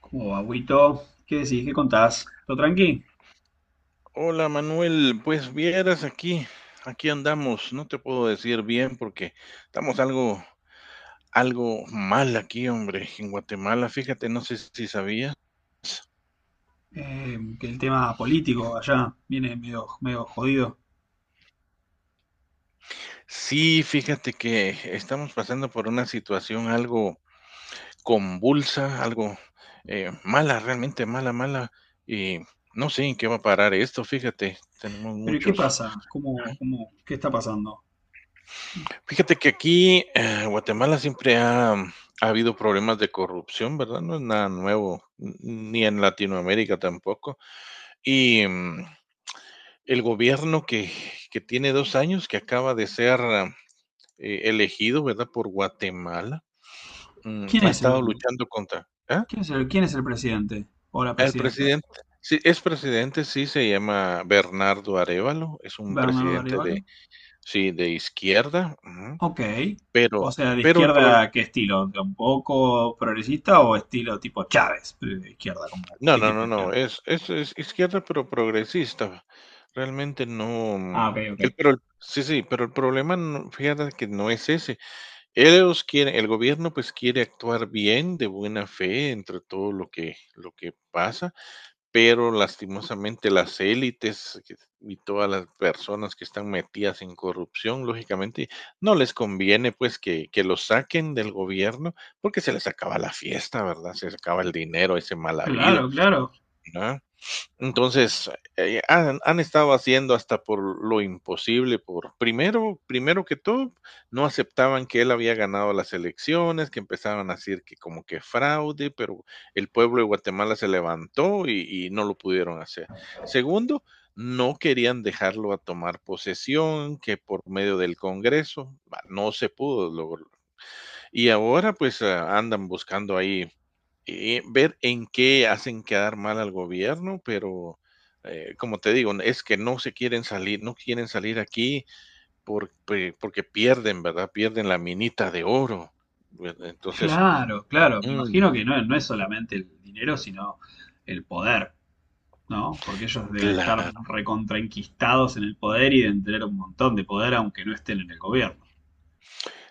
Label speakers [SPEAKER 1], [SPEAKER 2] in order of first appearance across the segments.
[SPEAKER 1] Como agüito, ¿qué decís? ¿Qué contás? ¿Todo tranqui?
[SPEAKER 2] Hola Manuel, pues vieras aquí andamos. No te puedo decir bien porque estamos algo mal aquí, hombre, en Guatemala, fíjate, no sé si sabías.
[SPEAKER 1] Que el tema político allá viene medio, medio jodido.
[SPEAKER 2] Sí, fíjate que estamos pasando por una situación algo convulsa, algo mala, realmente mala, mala, y no sé en qué va a parar esto, fíjate, tenemos
[SPEAKER 1] Pero ¿y qué
[SPEAKER 2] muchos...
[SPEAKER 1] pasa? ¿Cómo, qué está pasando?
[SPEAKER 2] Fíjate que aquí, Guatemala siempre ha habido problemas de corrupción, ¿verdad? No es nada nuevo, ni en Latinoamérica tampoco. Y el gobierno que tiene 2 años, que acaba de ser elegido, ¿verdad? Por Guatemala,
[SPEAKER 1] ¿Quién
[SPEAKER 2] ha
[SPEAKER 1] es
[SPEAKER 2] estado luchando contra... ¿Ah?
[SPEAKER 1] quién es quién es el presidente o la
[SPEAKER 2] El
[SPEAKER 1] presidenta?
[SPEAKER 2] presidente, sí, es presidente, sí, se llama Bernardo Arevalo, es un
[SPEAKER 1] ¿Bernardo
[SPEAKER 2] presidente de,
[SPEAKER 1] Arevalo?
[SPEAKER 2] sí, de izquierda, ujú,
[SPEAKER 1] Ok. O
[SPEAKER 2] pero,
[SPEAKER 1] sea, de
[SPEAKER 2] el problema...
[SPEAKER 1] izquierda, ¿qué estilo? ¿Un poco progresista o estilo tipo Chávez? Pero de izquierda, como,
[SPEAKER 2] No,
[SPEAKER 1] ¿qué
[SPEAKER 2] no,
[SPEAKER 1] tipo de
[SPEAKER 2] no, no,
[SPEAKER 1] izquierda?
[SPEAKER 2] es izquierda, pero progresista. Realmente no, mm,
[SPEAKER 1] Ah, ok,
[SPEAKER 2] el
[SPEAKER 1] ok.
[SPEAKER 2] pero el sí, sí, pero el problema, no, fíjate que no es ese. Ellos quieren el gobierno, pues, quiere actuar bien, de buena fe, entre todo lo que pasa, pero lastimosamente las élites que y todas las personas que están metidas en corrupción, lógicamente, no les conviene, pues, que los saquen del gobierno, porque se les acaba la fiesta, ¿verdad? Se les acaba el dinero ese mal habido,
[SPEAKER 1] Claro, claro,
[SPEAKER 2] ¿no? Entonces, han estado haciendo hasta por lo imposible, por primero que todo, no aceptaban que él había ganado las elecciones, que empezaban a decir que como que fraude, pero el pueblo de Guatemala se levantó y no lo pudieron hacer. Segundo, no querían dejarlo a tomar posesión, que por medio del Congreso, bah, no se pudo lograr. Y ahora pues andan buscando ahí ver en qué hacen quedar mal al gobierno, pero como te digo, es que no se quieren salir, no quieren salir aquí porque, pierden, ¿verdad? Pierden la minita de oro. ¿Verdad? Entonces,
[SPEAKER 1] claro, claro. Me
[SPEAKER 2] mm,
[SPEAKER 1] imagino que no, no es solamente el dinero, sino el poder. ¿No? Porque ellos deben estar
[SPEAKER 2] claro.
[SPEAKER 1] recontraenquistados en el poder y deben tener un montón de poder aunque no estén en el gobierno.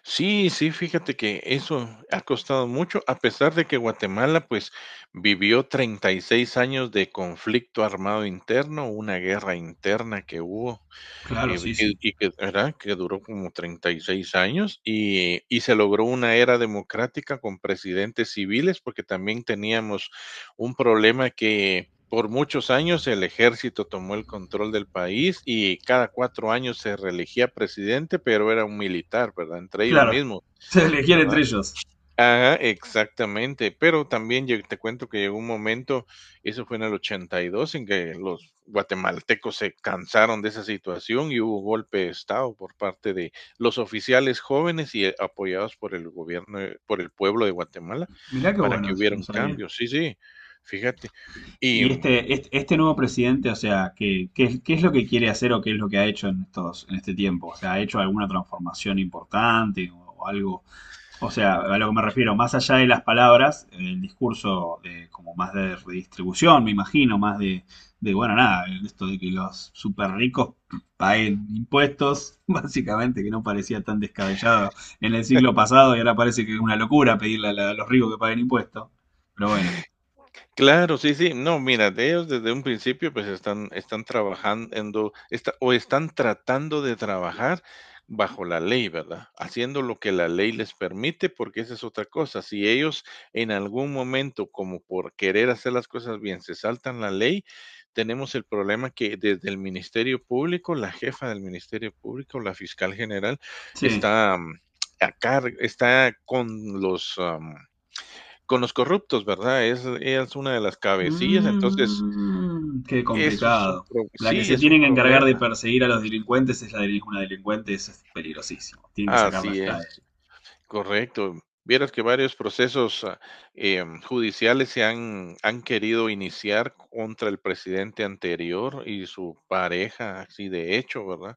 [SPEAKER 2] Sí, sí, fíjate que eso ha costado mucho, a pesar de que Guatemala pues vivió 36 años de conflicto armado interno, una guerra interna que hubo.
[SPEAKER 1] Claro, sí,
[SPEAKER 2] Que
[SPEAKER 1] sí.
[SPEAKER 2] y que ¿Verdad? Que duró como 36 años, y se logró una era democrática con presidentes civiles, porque también teníamos un problema que por muchos años el ejército tomó el control del país y cada 4 años se reelegía presidente, pero era un militar, ¿verdad? Entre ellos
[SPEAKER 1] Claro,
[SPEAKER 2] mismos,
[SPEAKER 1] se elegían
[SPEAKER 2] ¿verdad?
[SPEAKER 1] entre ellos.
[SPEAKER 2] Ajá, exactamente, pero también lle te cuento que llegó un momento, eso fue en el 82, en que los guatemaltecos se cansaron de esa situación y hubo golpe de estado por parte de los oficiales jóvenes apoyados por el gobierno, por el pueblo de Guatemala,
[SPEAKER 1] Mirá qué
[SPEAKER 2] para
[SPEAKER 1] bueno
[SPEAKER 2] que
[SPEAKER 1] eso,
[SPEAKER 2] hubiera
[SPEAKER 1] no
[SPEAKER 2] un
[SPEAKER 1] sabía.
[SPEAKER 2] cambio. Sí, sí, fíjate, y
[SPEAKER 1] Y
[SPEAKER 2] mm,
[SPEAKER 1] este nuevo presidente, o sea, ¿qué, qué es lo que quiere hacer o qué es lo que ha hecho en estos, en este tiempo? O sea, ¿ha hecho alguna transformación importante o algo? O sea, a lo que me refiero, más allá de las palabras, el discurso de, como más de redistribución, me imagino, más de, bueno, nada, esto de que los super ricos paguen impuestos, básicamente, que no parecía tan descabellado en el siglo pasado y ahora parece que es una locura pedirle a, a los ricos que paguen impuestos. Pero bueno,
[SPEAKER 2] claro, sí, sí. No, mira, de ellos desde un principio, pues están, trabajando o están tratando de trabajar bajo la ley, ¿verdad? Haciendo lo que la ley les permite, porque esa es otra cosa. Si ellos en algún momento, como por querer hacer las cosas bien, se saltan la ley, tenemos el problema que desde el Ministerio Público, la jefa del Ministerio Público, la fiscal general,
[SPEAKER 1] sí.
[SPEAKER 2] está, mm, a car- está con los... Con los corruptos, ¿verdad? Es una de las cabecillas, entonces,
[SPEAKER 1] Mm, qué
[SPEAKER 2] eso es un
[SPEAKER 1] complicado.
[SPEAKER 2] pro
[SPEAKER 1] La que
[SPEAKER 2] sí,
[SPEAKER 1] se
[SPEAKER 2] es un
[SPEAKER 1] tienen que encargar de
[SPEAKER 2] problema.
[SPEAKER 1] perseguir a los delincuentes es la de una delincuente, eso es peligrosísimo. Tienen que sacarla
[SPEAKER 2] Así
[SPEAKER 1] ya de ahí.
[SPEAKER 2] es, correcto. Vieras que varios procesos, judiciales se han querido iniciar contra el presidente anterior y su pareja, así de hecho, ¿verdad?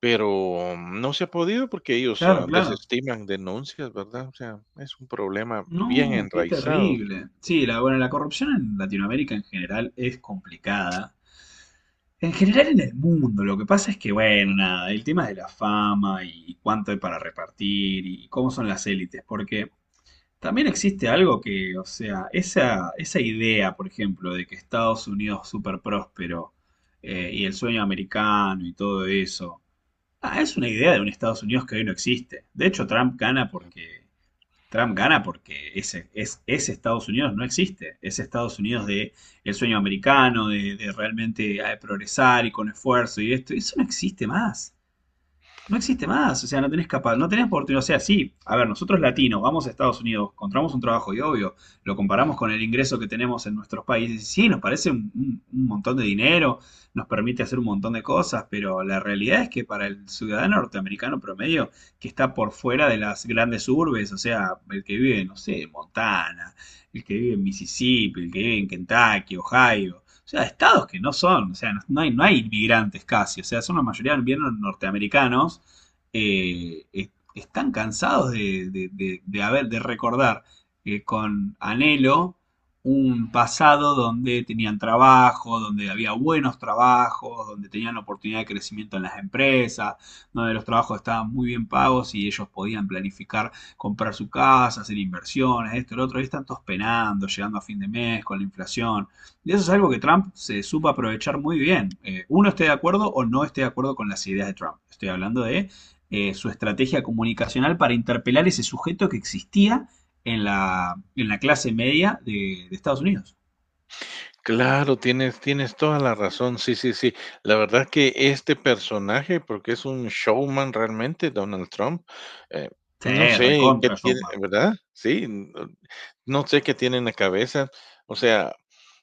[SPEAKER 2] Pero no se ha podido porque ellos,
[SPEAKER 1] Claro, claro.
[SPEAKER 2] desestiman denuncias, ¿verdad? O sea, es un problema bien
[SPEAKER 1] No, qué
[SPEAKER 2] enraizado.
[SPEAKER 1] terrible. Sí, la, bueno, la corrupción en Latinoamérica en general es complicada. En general en el mundo, lo que pasa es que, bueno, nada, el tema de la fama y cuánto hay para repartir y cómo son las élites, porque también existe algo que, o sea, esa idea, por ejemplo, de que Estados Unidos es súper próspero y el sueño americano y todo eso, es una idea de un Estados Unidos que hoy no existe. De hecho, Trump gana porque ese Estados Unidos no existe. Ese Estados Unidos de el sueño americano, de realmente progresar y con esfuerzo y esto, eso no existe más, no existe más, o sea, no tenés capaz, no tenés oportunidad, o sea, sí, a ver, nosotros latinos vamos a Estados Unidos, encontramos un trabajo y obvio, lo comparamos
[SPEAKER 2] Ujú.
[SPEAKER 1] con el ingreso que tenemos en nuestros países, y sí, nos parece un, un montón de dinero, nos permite hacer un montón de cosas, pero la realidad es que para el ciudadano norteamericano promedio, que está por fuera de las grandes urbes, o sea, el que vive, no sé, en Montana, el que vive en Mississippi, el que vive en Kentucky, Ohio, o sea, estados que no son, o sea, no, no hay, no hay inmigrantes casi, o sea, son la mayoría bien norteamericanos, están cansados de, de haber, de recordar con anhelo un pasado donde tenían trabajo, donde había buenos trabajos, donde tenían oportunidad de crecimiento en las empresas, donde los trabajos estaban muy bien pagos y ellos podían planificar comprar su casa, hacer inversiones, esto, lo otro, y están todos penando, llegando a fin de mes con la inflación. Y eso es algo que Trump se supo aprovechar muy bien. Uno esté de acuerdo o no esté de acuerdo con las ideas de Trump. Estoy hablando de su estrategia comunicacional para interpelar ese sujeto que existía en la clase media de Estados Unidos.
[SPEAKER 2] Claro, tienes toda la razón. Sí, sí, sí. La verdad que este personaje, porque es un showman realmente, Donald Trump, eh,
[SPEAKER 1] Sí,
[SPEAKER 2] no sé qué
[SPEAKER 1] recontra
[SPEAKER 2] tiene,
[SPEAKER 1] Showman.
[SPEAKER 2] ¿verdad? Sí, n no sé qué tiene en la cabeza. O sea,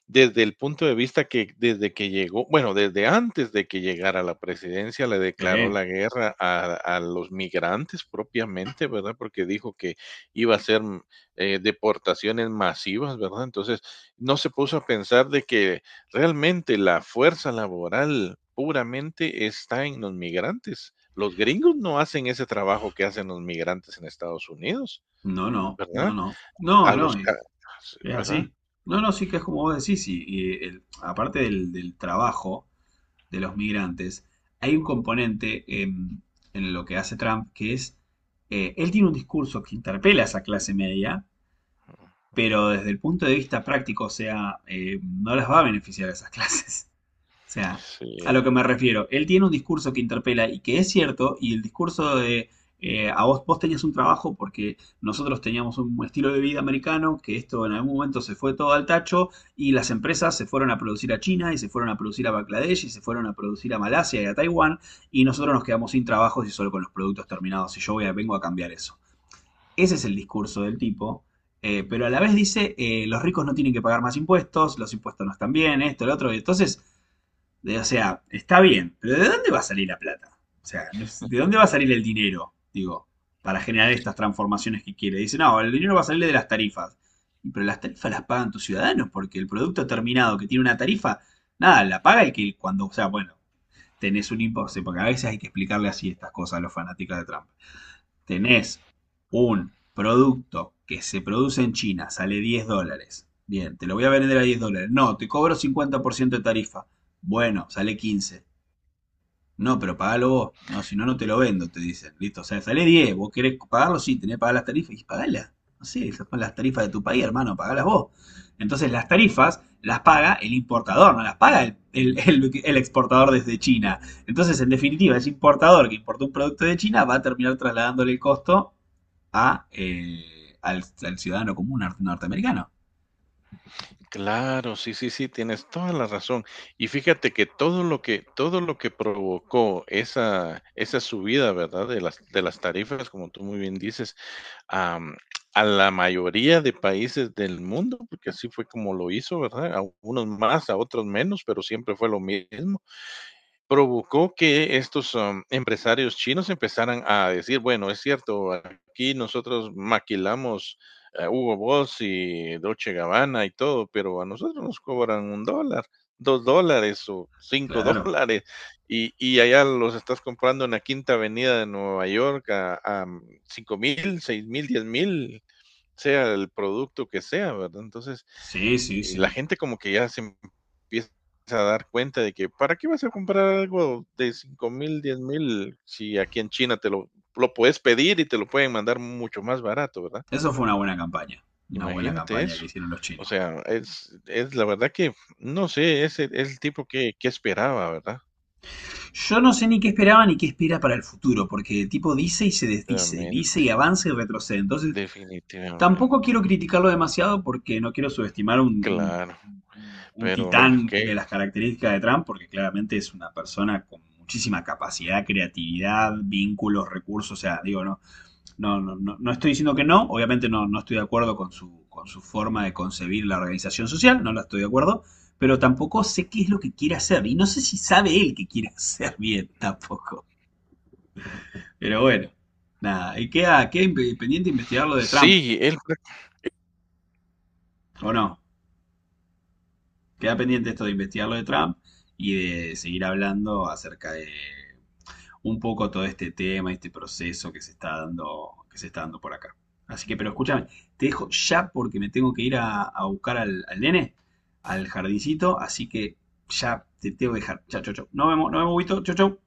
[SPEAKER 2] desde el punto de vista que desde que llegó, bueno, desde antes de que llegara a la presidencia, le declaró
[SPEAKER 1] Sí.
[SPEAKER 2] la guerra a los migrantes propiamente, ¿verdad? Porque dijo que iba a ser deportaciones masivas, ¿verdad? Entonces no se puso a pensar de que realmente la fuerza laboral puramente está en los migrantes. Los gringos no hacen ese trabajo que hacen los migrantes en Estados Unidos,
[SPEAKER 1] No, no, no,
[SPEAKER 2] ¿verdad?
[SPEAKER 1] no.
[SPEAKER 2] A
[SPEAKER 1] No, no,
[SPEAKER 2] los ca sí,
[SPEAKER 1] es
[SPEAKER 2] ¿verdad?
[SPEAKER 1] así. No, no, sí que es como vos decís. Y aparte del, del trabajo, de los migrantes, hay un componente en lo que hace Trump que es, él tiene un discurso que interpela a esa clase media, pero desde el punto de vista práctico, o sea, no las va a beneficiar a esas clases. O sea, a lo
[SPEAKER 2] Sí,
[SPEAKER 1] que me refiero, él tiene un discurso que interpela y que es cierto, y el discurso de a vos, vos tenías un trabajo porque nosotros teníamos un estilo de vida americano, que esto en algún momento se fue todo al tacho, y las empresas se fueron a producir a China, y se fueron a producir a Bangladesh, y se fueron a producir a Malasia y a Taiwán, y nosotros nos quedamos sin trabajos y solo con los productos terminados, y vengo a cambiar eso. Ese es el discurso del tipo. Pero a la vez dice, los ricos no tienen que pagar más impuestos, los impuestos no están bien, esto, lo otro. Y entonces, o sea, está bien, pero ¿de dónde va a salir la plata? O sea, no, ¿de dónde va a salir el dinero? Digo, para generar estas transformaciones que quiere. Dice, no, el dinero va a salir de las tarifas. Pero las tarifas las pagan tus ciudadanos, porque el producto terminado que tiene una tarifa, nada, la paga el que cuando, o sea, bueno, tenés un impuesto, porque a veces hay que explicarle así estas cosas a los fanáticos de Trump, tenés un producto que se produce en China, sale $10. Bien, te lo voy a vender a $10. No, te cobro 50% de tarifa. Bueno, sale 15. No, pero pagalo vos. No, si no, no te lo vendo, te dicen. Listo, o sea, sale 10. ¿Vos querés pagarlo? Sí, tenés que pagar las tarifas. Y pagalas. No sé, esas son las tarifas de tu país, hermano, pagalas vos. Entonces, las tarifas las paga el importador, no las paga el exportador desde China. Entonces, en definitiva, ese importador que importó un producto de China va a terminar trasladándole el costo a, al, al ciudadano común norteamericano.
[SPEAKER 2] claro, sí, sí, sí, tienes toda la razón. Y fíjate que todo lo que provocó esa subida, ¿verdad? De las tarifas, como tú muy bien dices, am, a la mayoría de países del mundo, porque así fue como lo hizo, ¿verdad? A unos más, a otros menos, pero siempre fue lo mismo. Provocó que estos, empresarios chinos empezaran a decir: "Bueno, es cierto, aquí nosotros maquilamos, Hugo Boss y Dolce Gabbana y todo, pero a nosotros nos cobran $1, $2 o
[SPEAKER 1] Claro.
[SPEAKER 2] $5, y allá los estás comprando en la Quinta Avenida de Nueva York a 5000, 6000, 10.000, sea el producto que sea", ¿verdad? Entonces,
[SPEAKER 1] Sí, sí,
[SPEAKER 2] y la
[SPEAKER 1] sí.
[SPEAKER 2] gente como que ya se empieza a dar cuenta de que ¿para qué vas a comprar algo de 5000, 10.000 si aquí en China lo puedes pedir y te lo pueden mandar mucho más barato, ¿verdad?
[SPEAKER 1] Eso fue una buena campaña. Una buena
[SPEAKER 2] Imagínate
[SPEAKER 1] campaña
[SPEAKER 2] eso.
[SPEAKER 1] que hicieron los
[SPEAKER 2] O
[SPEAKER 1] chinos.
[SPEAKER 2] sea, es la verdad que no sé, es el tipo que esperaba, ¿verdad?
[SPEAKER 1] Yo no sé ni qué esperaba ni qué espera para el futuro, porque el tipo dice y se desdice, dice
[SPEAKER 2] Definitivamente,
[SPEAKER 1] y avanza y retrocede. Entonces, tampoco
[SPEAKER 2] definitivamente.
[SPEAKER 1] quiero criticarlo demasiado porque no quiero subestimar un,
[SPEAKER 2] Claro,
[SPEAKER 1] un
[SPEAKER 2] pero bueno,
[SPEAKER 1] titán de
[SPEAKER 2] que
[SPEAKER 1] las características de Trump, porque claramente es una persona con muchísima capacidad, creatividad, vínculos, recursos. O sea, digo, no, no, no, no, no estoy diciendo que no, obviamente no, no estoy de acuerdo con su forma de concebir la organización social, no la estoy de acuerdo, pero tampoco sé qué es lo que quiere hacer y no sé si sabe él que quiere hacer bien tampoco. Pero bueno, nada, y queda, queda pendiente investigar lo de Trump,
[SPEAKER 2] sí, él
[SPEAKER 1] ¿o no? Queda pendiente esto de investigar lo de Trump y de seguir hablando acerca de un poco todo este tema, este proceso que se está dando, que se está dando por acá. Así que, pero escúchame, te dejo ya porque me tengo que ir a buscar al, al nene, al jardincito, así que ya te tengo que dejar. Chao, chao, chao. Nos vemos, Huguito. Chao, chao.